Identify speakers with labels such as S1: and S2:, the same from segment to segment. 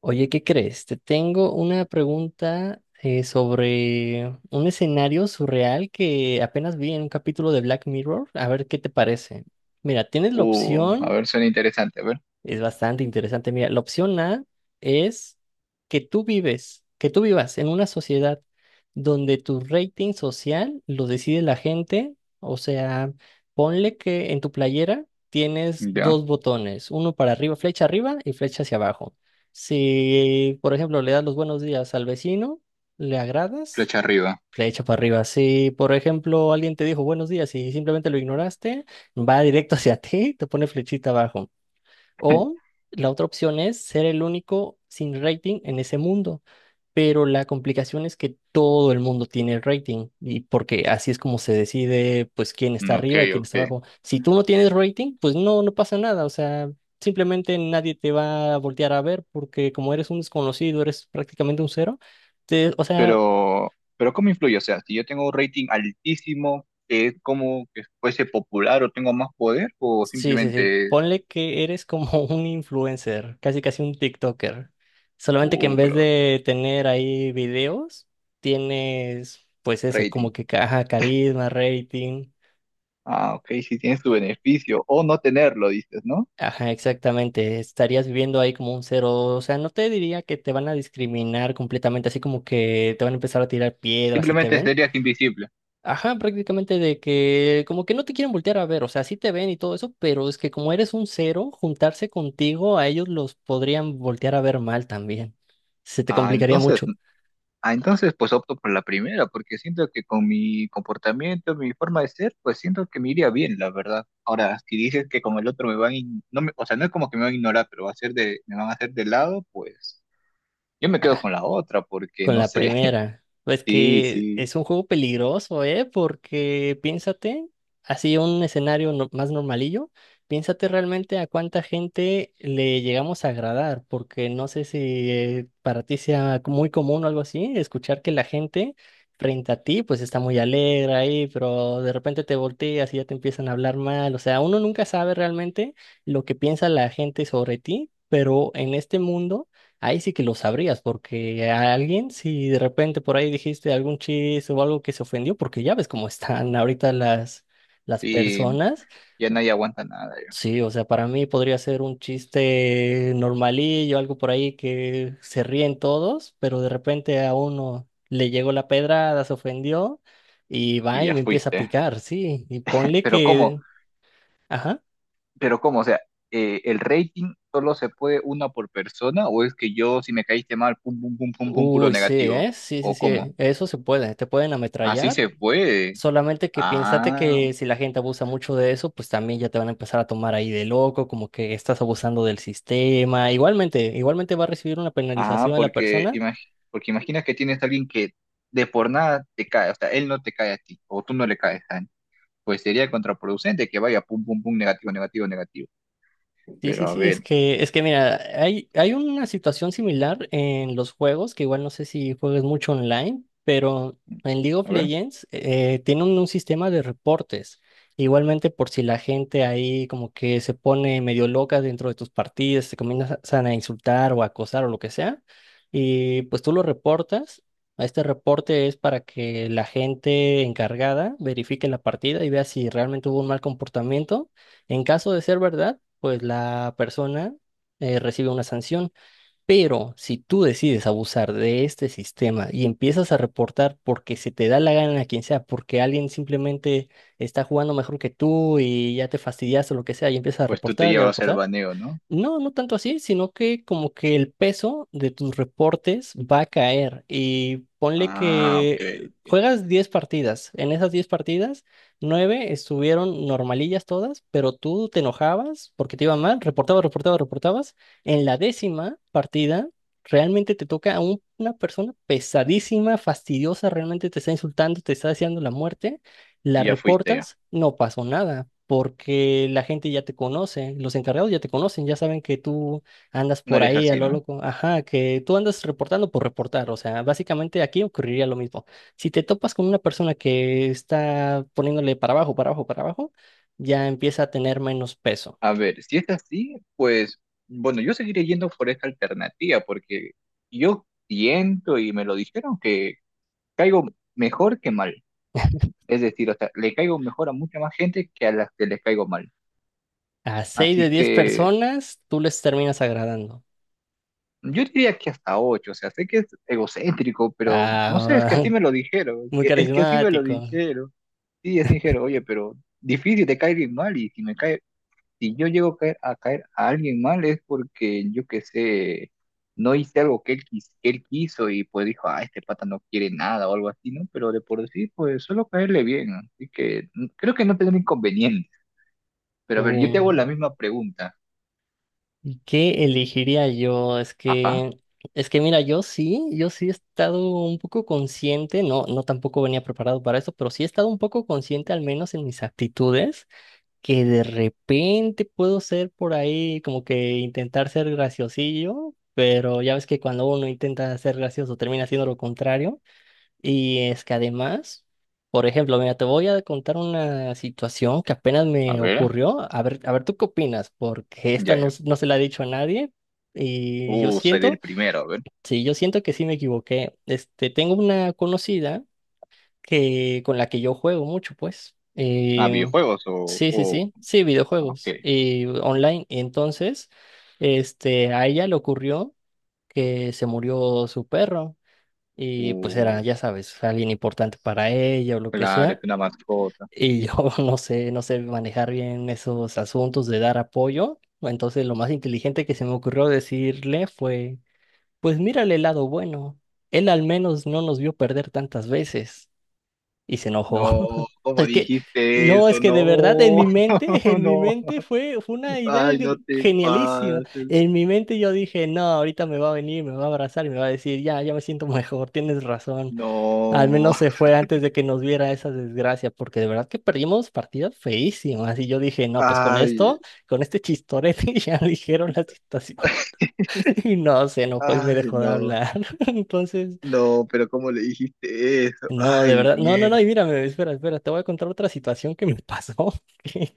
S1: Oye, ¿qué crees? Te tengo una pregunta sobre un escenario surreal que apenas vi en un capítulo de Black Mirror. A ver qué te parece. Mira, tienes la
S2: Uh, a
S1: opción
S2: ver, suena interesante, a ver.
S1: es bastante interesante. Mira, la opción A es que tú vives, que tú vivas en una sociedad donde tu rating social lo decide la gente. O sea, ponle que en tu playera tienes
S2: Ya,
S1: dos botones, uno para arriba, flecha arriba y flecha hacia abajo. Si, por ejemplo, le das los buenos días al vecino, le agradas,
S2: flecha arriba.
S1: flecha para arriba. Si, por ejemplo, alguien te dijo buenos días y simplemente lo ignoraste, va directo hacia ti, te pone flechita abajo. O la otra opción es ser el único sin rating en ese mundo, pero la complicación es que todo el mundo tiene rating y porque así es como se decide pues quién
S2: Mm,
S1: está
S2: ok,
S1: arriba y quién
S2: ok.
S1: está abajo. Si tú no tienes rating, pues no, no pasa nada, o sea, simplemente nadie te va a voltear a ver porque como eres un desconocido, eres prácticamente un cero. O sea,
S2: Pero ¿cómo influye? O sea, si yo tengo un rating altísimo, ¿es como que fuese popular o tengo más poder? ¿O
S1: sí, sí, sí.
S2: simplemente es,
S1: Ponle que eres como un influencer, casi casi un TikToker. Solamente que en vez
S2: pero
S1: de tener ahí videos, tienes pues ese,
S2: rating?
S1: como que ajá, carisma, rating.
S2: Ah, ok, si tienes tu beneficio o no tenerlo, dices, ¿no?
S1: Ajá, exactamente. Estarías viviendo ahí como un cero. O sea, no te diría que te van a discriminar completamente, así como que te van a empezar a tirar piedras y te
S2: Simplemente
S1: ven.
S2: serías invisible.
S1: Ajá, prácticamente de que como que no te quieren voltear a ver, o sea, sí te ven y todo eso, pero es que como eres un cero, juntarse contigo a ellos los podrían voltear a ver mal también. Se te
S2: Ah,
S1: complicaría
S2: entonces.
S1: mucho.
S2: Ah, entonces pues opto por la primera, porque siento que con mi comportamiento, mi forma de ser, pues siento que me iría bien, la verdad. Ahora, si dices que con el otro me van, no me, o sea, no es como que me van a ignorar, pero va a ser de, me van a hacer de lado, pues yo me quedo con la otra, porque
S1: Con
S2: no
S1: la
S2: sé.
S1: primera. Pues
S2: Sí,
S1: que
S2: sí,
S1: es un juego peligroso, ¿eh? Porque piénsate, así un escenario más normalillo, piénsate realmente a cuánta gente le llegamos a agradar, porque no sé si para ti sea muy común o algo así, escuchar que la gente frente a ti pues está muy alegre ahí, pero de repente te volteas y ya te empiezan a hablar mal. O sea, uno nunca sabe realmente lo que piensa la gente sobre ti, pero en este mundo ahí sí que lo sabrías, porque a alguien, si de repente por ahí dijiste algún chiste o algo que se ofendió, porque ya ves cómo están ahorita las
S2: sí,
S1: personas.
S2: ya nadie aguanta nada, ya,
S1: Sí, o sea, para mí podría ser un chiste normalillo, algo por ahí que se ríen todos, pero de repente a uno le llegó la pedrada, se ofendió y va
S2: y
S1: y
S2: ya
S1: me empieza a
S2: fuiste.
S1: picar, sí. Y ponle
S2: Pero cómo,
S1: que, ajá.
S2: pero cómo, o sea, ¿el rating solo se puede una por persona o es que yo si me caíste mal, pum, pum, pum, pum, pum, puro
S1: Uy, sí,
S2: negativo?
S1: ¿eh? Sí, sí,
S2: ¿O
S1: sí.
S2: cómo?
S1: Eso se puede. Te pueden
S2: Así
S1: ametrallar.
S2: se puede.
S1: Solamente que piénsate
S2: Ah,
S1: que si la gente abusa mucho de eso, pues también ya te van a empezar a tomar ahí de loco, como que estás abusando del sistema. Igualmente, igualmente va a recibir una
S2: ah,
S1: penalización a la
S2: porque,
S1: persona.
S2: porque imaginas que tienes a alguien que de por nada te cae, o sea, él no te cae a ti, o tú no le caes a él. Pues sería contraproducente que vaya pum, pum, pum, negativo, negativo, negativo.
S1: Sí,
S2: Pero
S1: sí, sí, es que mira, hay una situación similar en los juegos, que igual no sé si juegues mucho online, pero en League of
S2: a ver,
S1: Legends tienen un sistema de reportes. Igualmente por si la gente ahí como que se pone medio loca dentro de tus partidas, se comienzan a insultar o a acosar o lo que sea, y pues tú lo reportas. Este reporte es para que la gente encargada verifique la partida y vea si realmente hubo un mal comportamiento. En caso de ser verdad, pues la persona recibe una sanción, pero si tú decides abusar de este sistema y empiezas a reportar porque se te da la gana a quien sea, porque alguien simplemente está jugando mejor que tú y ya te fastidiaste o lo que sea y empiezas a
S2: pues tú te
S1: reportar y a
S2: llevas el
S1: reportar,
S2: baneo, ¿no?
S1: no, no tanto así, sino que como que el peso de tus reportes va a caer y ponle
S2: Ah, ok,
S1: que
S2: ok.
S1: juegas 10 partidas. En esas 10 partidas, 9 estuvieron normalillas todas, pero tú te enojabas porque te iba mal, reportabas, reportabas, reportabas. En la décima partida, realmente te toca a una persona pesadísima, fastidiosa, realmente te está insultando, te está deseando la muerte, la
S2: Y ya fuiste ya.
S1: reportas, no pasó nada, porque la gente ya te conoce, los encargados ya te conocen, ya saben que tú andas
S2: No
S1: por
S2: eres
S1: ahí a
S2: así,
S1: lo
S2: ¿no?
S1: loco, ajá, que tú andas reportando por reportar, o sea, básicamente aquí ocurriría lo mismo. Si te topas con una persona que está poniéndole para abajo, para abajo, para abajo, ya empieza a tener menos peso.
S2: A ver, si es así, pues, bueno, yo seguiré yendo por esta alternativa, porque yo siento y me lo dijeron que caigo mejor que mal. Es decir, o sea, le caigo mejor a mucha más gente que a las que les caigo mal.
S1: A 6 de
S2: Así
S1: diez
S2: que
S1: personas, tú les terminas agradando.
S2: yo diría que hasta 8, o sea, sé que es egocéntrico, pero no sé, es
S1: Ah,
S2: que así me lo dijeron,
S1: muy
S2: es que así me lo
S1: carismático.
S2: dijeron. Sí, así dijeron, oye, pero difícil te cae alguien mal y si me cae, si yo llego a caer a alguien mal es porque yo qué sé, no hice algo que él, que él quiso y pues dijo, ah, este pata no quiere nada o algo así, ¿no? Pero de por sí, pues solo caerle bien, así que mm, creo que no tendrá inconveniente. Pero a ver, yo te hago la misma pregunta.
S1: ¿Y qué elegiría yo?
S2: Ajá,
S1: Es que mira, yo sí, yo sí he estado un poco consciente, no, no tampoco venía preparado para eso, pero sí he estado un poco consciente, al menos en mis actitudes, que de repente puedo ser por ahí, como que intentar ser graciosillo, pero ya ves que cuando uno intenta ser gracioso termina siendo lo contrario. Y es que además, por ejemplo, mira, te voy a contar una situación que apenas
S2: a
S1: me
S2: ver,
S1: ocurrió. A ver, ¿tú qué opinas? Porque esta
S2: ya,
S1: no,
S2: ya.
S1: no se la he dicho a nadie. Y yo
S2: Seré el
S1: siento,
S2: primero, a ver.
S1: sí, yo siento que sí me equivoqué. Este, tengo una conocida que, con la que yo juego mucho, pues.
S2: Ah, videojuegos o,
S1: Sí, sí,
S2: o,
S1: sí. Sí,
S2: Ah, ok.
S1: videojuegos. Y online. Y entonces, este, a ella le ocurrió que se murió su perro. Y pues
S2: Uh,
S1: era, ya sabes, alguien importante para ella o lo que
S2: claro, es
S1: sea.
S2: una mascota.
S1: Y yo no sé, no sé manejar bien esos asuntos de dar apoyo. Entonces lo más inteligente que se me ocurrió decirle fue, pues mírale el lado bueno. Él al menos no nos vio perder tantas veces. Y se enojó.
S2: No, ¿cómo
S1: Es que,
S2: dijiste
S1: no,
S2: eso?
S1: es que de verdad
S2: No,
S1: en mi
S2: no.
S1: mente fue una idea
S2: Ay, no te
S1: genialísima.
S2: pases.
S1: En mi mente yo dije, no, ahorita me va a venir, me va a abrazar y me va a decir, ya, ya me siento mejor, tienes razón. Al
S2: No.
S1: menos se fue antes de que nos viera esa desgracia, porque de verdad que perdimos partidas feísimas. Y yo dije, no, pues con
S2: Ay,
S1: esto, con este chistorete ya dijeron la situación. Y no, se enojó y me
S2: ay,
S1: dejó de
S2: no.
S1: hablar. Entonces,
S2: No, pero ¿cómo le dijiste eso?
S1: no, de
S2: Ay,
S1: verdad, no, no,
S2: mierda.
S1: no, y mírame, espera, espera, te voy a contar otra situación que me pasó.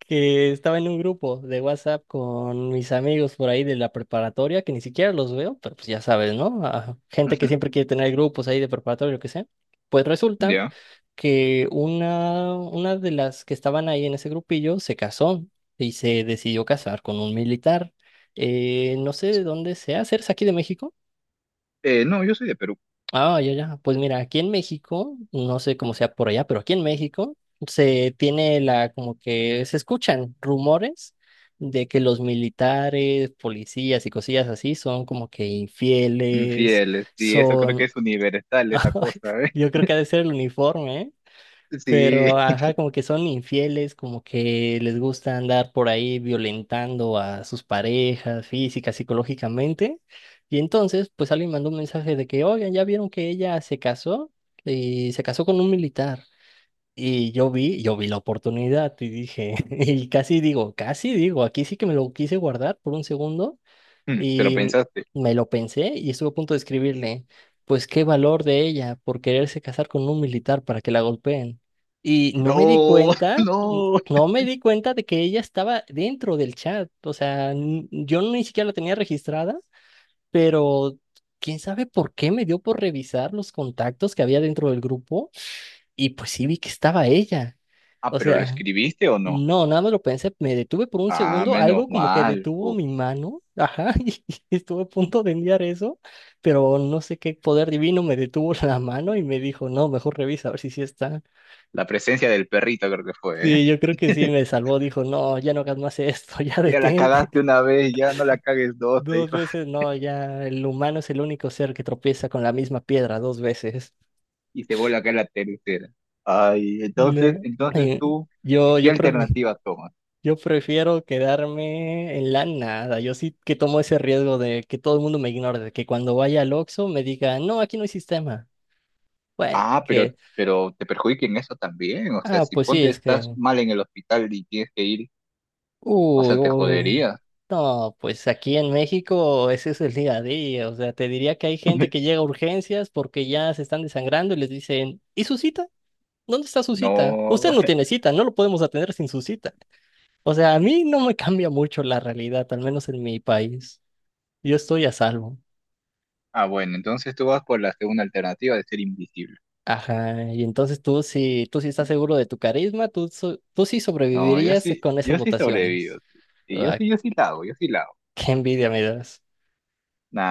S1: Que estaba en un grupo de WhatsApp con mis amigos por ahí de la preparatoria, que ni siquiera los veo, pero pues ya sabes, ¿no? Ah, gente que
S2: Ujú.
S1: siempre quiere tener grupos ahí de preparatoria, lo que sea. Pues resulta
S2: Ya.
S1: que una de las que estaban ahí en ese grupillo se casó y se decidió casar con un militar. No sé de dónde sea, ¿eres aquí de México?
S2: No, yo soy de Perú.
S1: Ah, ya, ya. Pues mira, aquí en México, no sé cómo sea por allá, pero aquí en México se tiene la, como que se escuchan rumores de que los militares, policías y cosillas así son como que infieles,
S2: Infieles, sí, eso creo que
S1: son,
S2: es universal, esa cosa, ¿eh?
S1: yo creo que ha de ser el uniforme, ¿eh?
S2: Sí,
S1: Pero, ajá, como que son infieles, como que les gusta andar por ahí violentando a sus parejas física, psicológicamente. Y entonces, pues alguien mandó un mensaje de que, oigan, ya vieron que ella se casó y se casó con un militar. Y yo vi la oportunidad y dije, y casi digo, aquí sí que me lo quise guardar por un segundo
S2: pero
S1: y
S2: pensaste.
S1: me lo pensé y estuve a punto de escribirle, pues qué valor de ella por quererse casar con un militar para que la golpeen. Y no me di
S2: No,
S1: cuenta,
S2: no.
S1: no me di cuenta de que ella estaba dentro del chat. O sea, yo ni siquiera la tenía registrada, pero quién sabe por qué me dio por revisar los contactos que había dentro del grupo y pues sí vi que estaba ella.
S2: Ah,
S1: O
S2: pero ¿lo
S1: sea,
S2: escribiste o no?
S1: no, nada más lo pensé, me detuve por un
S2: Ah,
S1: segundo,
S2: menos
S1: algo como que
S2: mal.
S1: detuvo
S2: Uf,
S1: mi mano, ajá, y estuve a punto de enviar eso, pero no sé qué poder divino me detuvo la mano y me dijo, no, mejor revisa a ver si sí está.
S2: la presencia del perrito creo que fue, ¿eh?
S1: Sí, yo creo que sí me salvó, dijo, no, ya no hagas más esto, ya
S2: Ya la
S1: detente.
S2: cagaste una vez, ya no la cagues dos, te
S1: Dos
S2: dijo.
S1: veces, no, ya el humano es el único ser que tropieza con la misma piedra dos veces.
S2: Y te vuelve a caer la tercera. Ay, entonces,
S1: No.
S2: entonces
S1: eh,
S2: tú, ¿qué,
S1: Yo,
S2: qué
S1: yo prefiero.
S2: alternativa tomas?
S1: Yo prefiero quedarme en la nada. Yo sí que tomo ese riesgo de que todo el mundo me ignore, de que cuando vaya al Oxxo me diga, no, aquí no hay sistema. Bueno,
S2: Ah,
S1: que,
S2: pero te perjudica en eso también. O sea,
S1: ah,
S2: si
S1: pues sí,
S2: ponte
S1: es
S2: estás
S1: que,
S2: mal en el hospital y tienes que ir, o
S1: uy,
S2: sea, te
S1: uy,
S2: jodería.
S1: no, pues aquí en México ese es el día a día. O sea, te diría que hay gente que llega a urgencias porque ya se están desangrando y les dicen, ¿y su cita? ¿Dónde está su cita? Usted
S2: No.
S1: no tiene cita, no lo podemos atender sin su cita. O sea, a mí no me cambia mucho la realidad, al menos en mi país. Yo estoy a salvo.
S2: Ah, bueno, entonces tú vas por la segunda alternativa de ser invisible.
S1: Ajá, y entonces tú sí estás seguro de tu carisma, tú, tú sí
S2: No, yo
S1: sobrevivirías
S2: sí,
S1: con esas
S2: yo sí
S1: votaciones.
S2: sobrevivo. Sí, yo
S1: Ah,
S2: sí, yo sí la hago, yo sí la hago.
S1: qué envidia me das.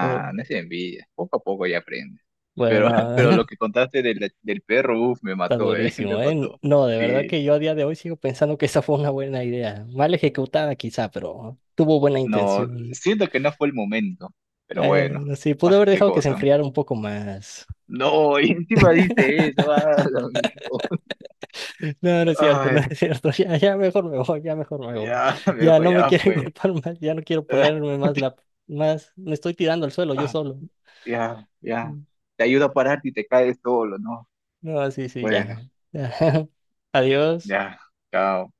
S1: Oh,
S2: no es envidia. Poco a poco ya aprendes. Pero,
S1: bueno,
S2: pero lo que contaste del, del perro, uff, me
S1: está
S2: mató, me
S1: durísimo, ¿eh?
S2: mató.
S1: No, de verdad
S2: Sí,
S1: que yo a día de hoy sigo pensando que esa fue una buena idea. Mal ejecutada quizá, pero tuvo buena
S2: no,
S1: intención.
S2: siento que no fue el momento. Pero bueno,
S1: Bueno, sí, pude
S2: pasa
S1: haber
S2: qué
S1: dejado que se
S2: cosa.
S1: enfriara un poco más.
S2: No, y encima dice eso. Ah, lo mismo.
S1: No, no es cierto, no
S2: Ay,
S1: es cierto. Ya, ya mejor me voy, ya mejor me voy.
S2: ya,
S1: Ya
S2: viejo,
S1: no me
S2: ya
S1: quieren
S2: fue.
S1: contar más, ya no quiero ponerme más la, más, me estoy tirando al suelo yo
S2: Ah,
S1: solo.
S2: ya, ya.
S1: Mm.
S2: Te ayuda a pararte y te caes solo, ¿no?
S1: No, sí, sí,
S2: Bueno,
S1: ya. Adiós.
S2: ya, chao.